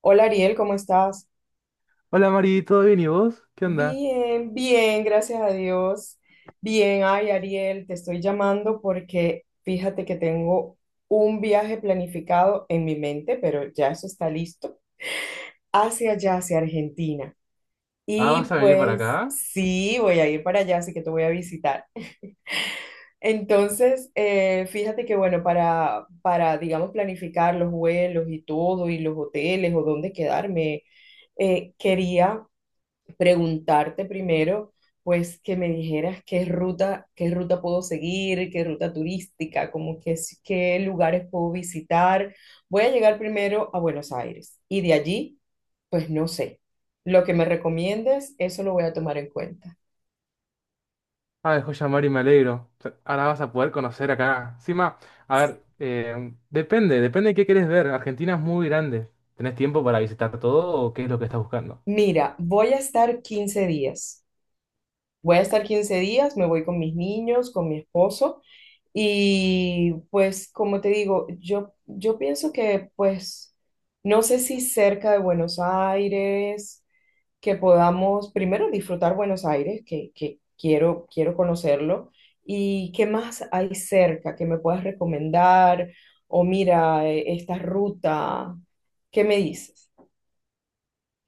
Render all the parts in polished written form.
Hola Ariel, ¿cómo estás? Hola Mari, ¿todo bien y vos? ¿Qué onda? Bien, bien, gracias a Dios. Bien, ay Ariel, te estoy llamando porque fíjate que tengo un viaje planificado en mi mente, pero ya eso está listo, hacia allá, hacia Argentina. Ah, ¿vas Y a venir para pues acá? sí, voy a ir para allá, así que te voy a visitar. Entonces, fíjate que bueno, para, digamos, planificar los vuelos y todo, y los hoteles o dónde quedarme, quería preguntarte primero, pues que me dijeras qué ruta puedo seguir, qué ruta turística, como que, qué lugares puedo visitar. Voy a llegar primero a Buenos Aires y de allí, pues no sé. Lo que me recomiendes, eso lo voy a tomar en cuenta. Ah, joya Mari, me alegro. O sea, ahora vas a poder conocer acá. Encima, a ver, Sí. Depende de qué querés ver. Argentina es muy grande. ¿Tenés tiempo para visitar todo o qué es lo que estás buscando? Mira, voy a estar 15 días. Voy a estar 15 días, me voy con mis niños, con mi esposo y pues como te digo, yo pienso que pues no sé si cerca de Buenos Aires, que podamos primero disfrutar Buenos Aires, que quiero conocerlo y qué más hay cerca que me puedas recomendar o mira esta ruta, ¿qué me dices?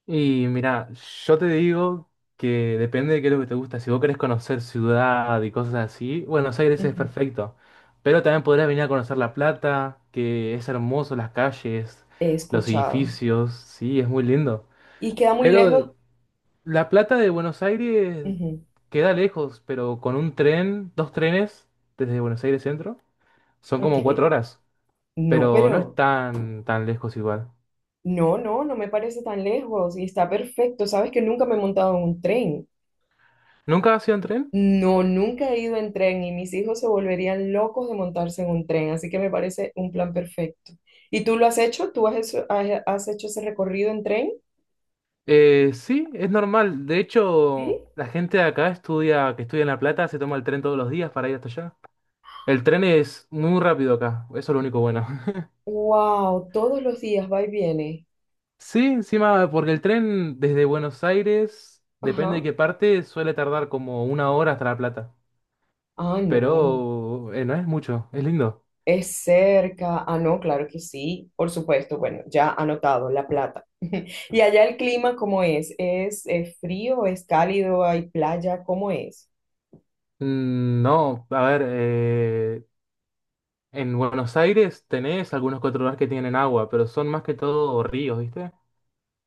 Y mira, yo te digo que depende de qué es lo que te gusta. Si vos querés conocer ciudad y cosas así, Buenos Aires es Ujú. perfecto. Pero también podrás venir a conocer La Plata, que es hermoso, las calles, He los escuchado. edificios, sí, es muy lindo. ¿Y queda muy Pero lejos? La Plata de Buenos Aires Ujú. queda lejos, pero con un tren, dos trenes desde Buenos Aires Centro, son Ok. como 4 horas, No, pero no es pero... tan lejos igual. No, no, no me parece tan lejos y está perfecto. Sabes que nunca me he montado en un tren. ¿Nunca has ido en tren? No, nunca he ido en tren y mis hijos se volverían locos de montarse en un tren, así que me parece un plan perfecto. ¿Y tú lo has hecho? ¿Tú has hecho ese recorrido en tren? Sí, es normal. De hecho, Sí. la gente de acá estudia, que estudia en La Plata, se toma el tren todos los días para ir hasta allá. El tren es muy rápido acá, eso es lo único bueno. Wow, todos los días va y viene. Sí, encima, porque el tren desde Buenos Aires, depende de Ajá. qué parte, suele tardar como una hora hasta La Plata. Ah, no. Pero no es mucho, es lindo. Es cerca. Ah, no, claro que sí, por supuesto. Bueno, ya anotado, La Plata. ¿Y allá el clima cómo es? ¿Es frío? ¿Es cálido? ¿Hay playa? ¿Cómo es? Mm, no, a ver, en Buenos Aires tenés algunos cuatro lugares que tienen agua, pero son más que todo ríos, ¿viste?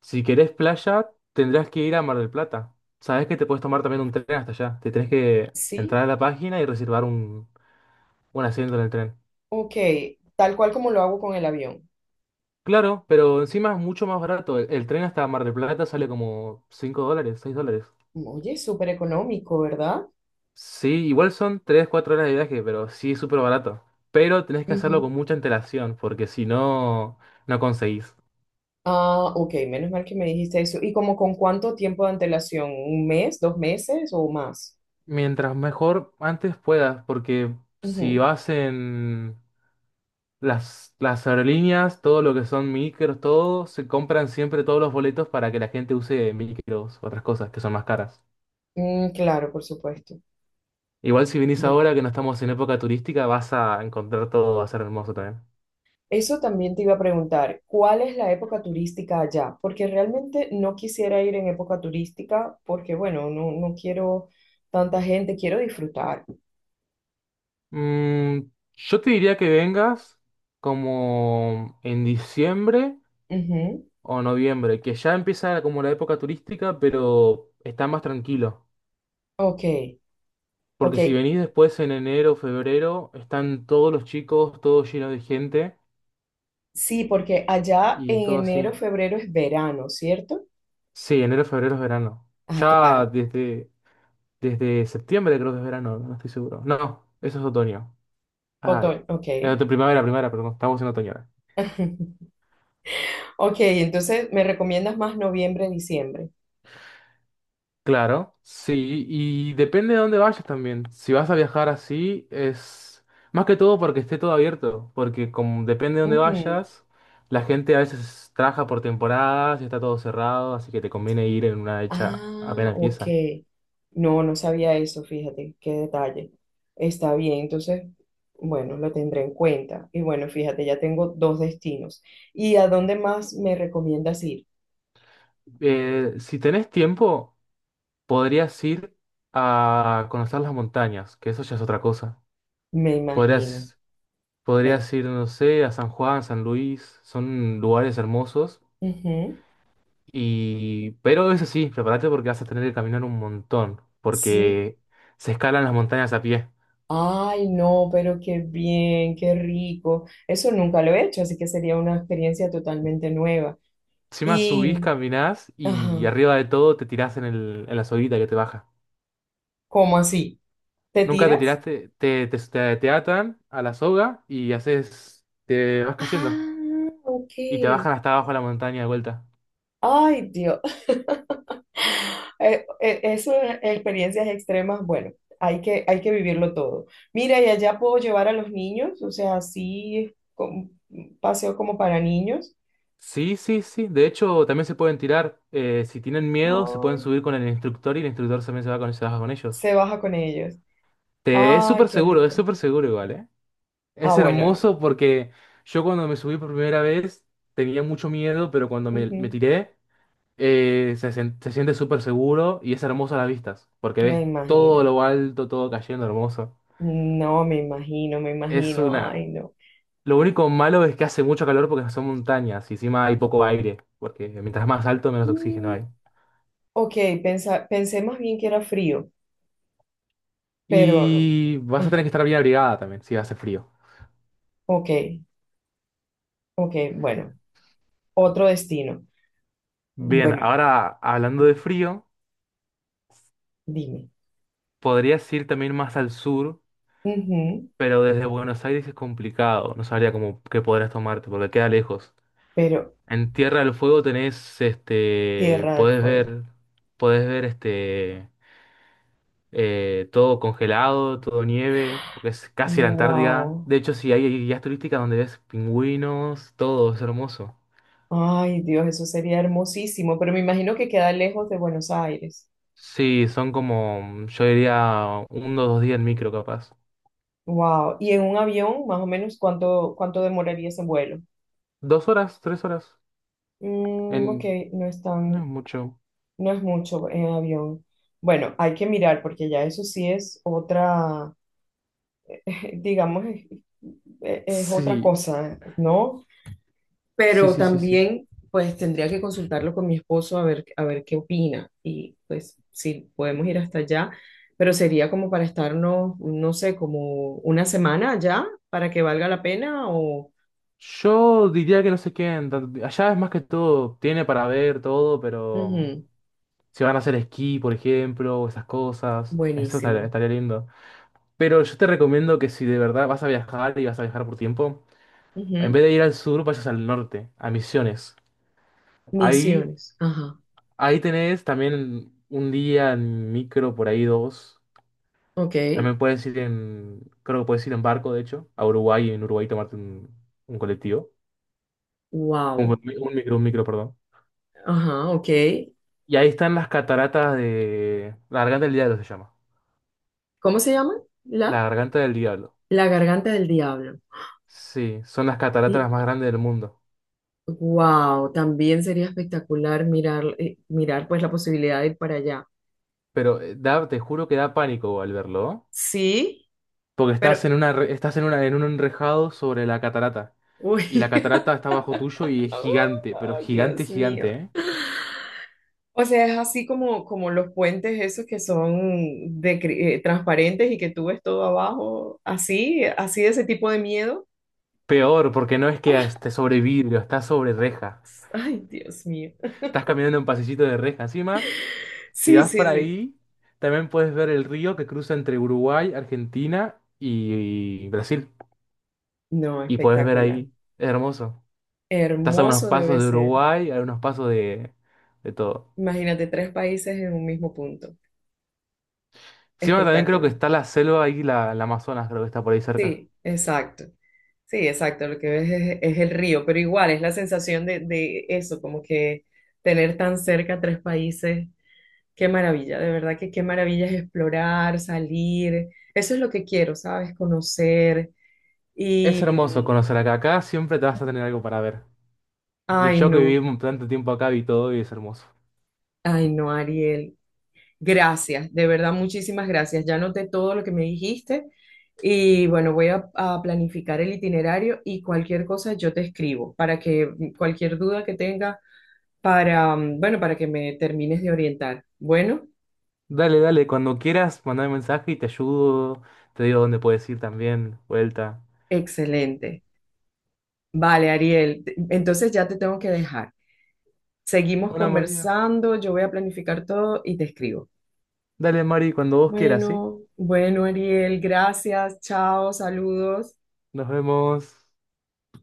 Si querés playa, tendrás que ir a Mar del Plata. Sabés que te puedes tomar también un tren hasta allá. Te tenés que Sí, entrar a la página y reservar un asiento en el tren. ok. Tal cual como lo hago con el avión. Claro, pero encima es mucho más barato. El tren hasta Mar del Plata sale como $5, $6. Oye, súper económico, ¿verdad? Sí, igual son 3 4 horas de viaje, pero sí es súper barato. Pero tenés que hacerlo Ujú. con mucha antelación, porque si no, no conseguís. Ah, ok, menos mal que me dijiste eso. ¿Y como con cuánto tiempo de antelación? ¿Un mes, dos meses o más? Mientras mejor antes puedas, porque si Ujú. vas en las aerolíneas, todo lo que son micros, todo, se compran siempre todos los boletos para que la gente use micros, otras cosas que son más caras. Mm, claro, por supuesto. Igual si vinís Ya. ahora que no estamos en época turística, vas a encontrar todo, va a ser hermoso también. Eso también te iba a preguntar, ¿cuál es la época turística allá? Porque realmente no quisiera ir en época turística porque, bueno, no, no quiero tanta gente, quiero disfrutar. Mm, yo te diría que vengas como en diciembre Ujú. o noviembre, que ya empieza como la época turística, pero está más tranquilo. Ok, Porque si ok. venís después en enero o febrero, están todos los chicos, todo lleno de gente Sí, porque y, allá y en todo enero, así. febrero es verano, ¿cierto? Sí, enero, febrero es verano. Ah, Ya claro. desde septiembre creo que es verano, no estoy seguro. No, eso es otoño. Ah, Otoño, ok. primavera, primavera, perdón, estamos en otoño. Ok, entonces me recomiendas más noviembre, diciembre. Claro, sí, y depende de dónde vayas también. Si vas a viajar así, es más que todo porque esté todo abierto, porque como depende de dónde Ujú. vayas, la gente a veces trabaja por temporadas y está todo cerrado, así que te conviene ir en una hecha Ah, apenas ok. pieza. No, no sabía eso, fíjate, qué detalle. Está bien, entonces, bueno, lo tendré en cuenta. Y bueno, fíjate, ya tengo dos destinos. ¿Y a dónde más me recomiendas ir? Si tenés tiempo, podrías ir a conocer las montañas, que eso ya es otra cosa. Me imagino. Podrías, Ven. podrías ir, no sé, a San Juan, San Luis, son lugares hermosos. Ujú. Y, pero eso sí, prepárate porque vas a tener que caminar un montón, Sí. porque se escalan las montañas a pie. Ay, no, pero qué bien, qué rico. Eso nunca lo he hecho, así que sería una experiencia totalmente nueva. Encima subís, Y, caminás y ajá, arriba de todo te tirás en el, en la soguita que te baja. ¿cómo así? ¿Te Nunca te tiras? tiraste, te atan a la soga y haces, te vas cayendo Ah, ok. y te bajan hasta abajo de la montaña de vuelta. Ay, Dios. Eso, experiencias extremas, bueno, hay que vivirlo todo. Mira, y allá puedo llevar a los niños, o sea, un paseo como para niños. Sí, sí, sí. De hecho, también se pueden tirar. Si tienen miedo, se pueden Ay, subir con el instructor y el instructor también se va con, se baja con ellos. se baja con ellos. Es Ay, súper qué seguro, es rico. súper seguro igual, ¿eh? Ah, Es bueno, no. hermoso porque yo cuando me subí por primera vez tenía mucho miedo, pero cuando me Ujú. tiré se siente súper seguro y es hermoso a las vistas, porque ves Me todo imagino. lo alto, todo cayendo hermoso. No, me imagino, me Es imagino. una... Ay, no. Lo único malo es que hace mucho calor porque son montañas y encima hay poco aire, porque mientras más alto menos oxígeno Mm, hay. ok, pensé más bien que era frío, pero no. Y vas a tener que Ajá. estar bien abrigada también si hace frío. Ok, ok, bueno, otro destino. Bien, Bueno, ahora hablando de frío, dime. podrías ir también más al sur. Ujú, Pero desde Buenos Aires es complicado, no sabría cómo qué podrás tomarte porque queda lejos. pero En Tierra del Fuego tenés, este, Tierra del podés Fuego. ver, podés ver este, todo congelado, todo nieve, porque es casi la Antártida. Wow. De hecho, sí, hay guías turísticas donde ves pingüinos, todo, es hermoso. Ay, Dios, eso sería hermosísimo, pero me imagino que queda lejos de Buenos Aires. Sí, son como, yo diría, 1 o 2 días en micro capaz. Wow. ¿Y en un avión, más o menos, cuánto demoraría ese vuelo? 2 horas, 3 horas, Mm, ok, en, no es no es tan, mucho. no es mucho en avión. Bueno, hay que mirar porque ya eso sí es otra, digamos, es otra Sí, cosa, ¿no? sí, Pero sí, sí, sí. también pues tendría que consultarlo con mi esposo a ver qué opina y pues si podemos ir hasta allá, pero sería como para estarnos, no sé, como una semana allá para que valga la pena o... Yo diría que no se queden. Allá es más que todo, tiene para ver todo, pero Ujú. si van a hacer esquí, por ejemplo, o esas cosas, eso estaría, Buenísimo. estaría lindo. Pero yo te recomiendo que si de verdad vas a viajar y vas a viajar por tiempo, en vez Ujú. de ir al sur, vayas al norte, a Misiones. Ahí, Misiones. Ajá. ahí tenés también un día en micro, por ahí dos. Ok. También puedes ir en, creo que puedes ir en barco, de hecho, a Uruguay y en Uruguay tomarte un colectivo. Un, Wow. un micro, perdón. Ajá, ok. Y ahí están las cataratas de... La Garganta del Diablo se llama. ¿Cómo se llama? La La, Garganta del Diablo. la Garganta del Diablo. Sí, son las cataratas Y las más grandes del mundo. wow, también sería espectacular mirar, mirar pues la posibilidad de ir para allá. Pero te juro que da pánico al verlo, ¿no? Sí, Porque pero, estás en una, en un enrejado sobre la catarata. Y la uy, catarata está bajo tuyo y es gigante, pero oh, gigante, Dios gigante, mío. ¿eh? O sea, es así como los puentes esos que son de, transparentes y que tú ves todo abajo, así, así de ese tipo de miedo. Peor, porque no es que Ah, esté sobre vidrio, está sobre reja. ay, Dios mío. Estás caminando en pasillito de reja. Encima, si Sí, vas sí, para sí. ahí, también puedes ver el río que cruza entre Uruguay, Argentina y Brasil. No, Y puedes ver espectacular. ahí. Es hermoso. Estás a unos Hermoso pasos debe de ser. Uruguay, a unos pasos de todo. Imagínate tres países en un mismo punto. Encima también creo que Espectacular. está la selva ahí, la Amazonas, creo que está por ahí cerca. Sí, exacto. Sí, exacto, lo que ves es el río, pero igual es la sensación de eso, como que tener tan cerca tres países, qué maravilla, de verdad que qué maravilla es explorar, salir, eso es lo que quiero, ¿sabes? Conocer Es y, hermoso conocer acá. Acá siempre te vas a tener algo para ver. Ni ay yo que viví no, tanto tiempo acá vi todo y es hermoso. ay no, Ariel, gracias, de verdad muchísimas gracias, ya noté todo lo que me dijiste y bueno, voy a planificar el itinerario y cualquier cosa yo te escribo para que cualquier duda que tenga para que me termines de orientar. Bueno, Dale, dale, cuando quieras, mandame mensaje y te ayudo. Te digo dónde puedes ir también, vuelta. excelente. Vale, Ariel, entonces ya te tengo que dejar. Seguimos Bueno, María. conversando, yo voy a planificar todo y te escribo. Dale, Mari, cuando vos quieras, ¿sí? Bueno, bueno, Ariel, gracias, chao, saludos. Nos vemos.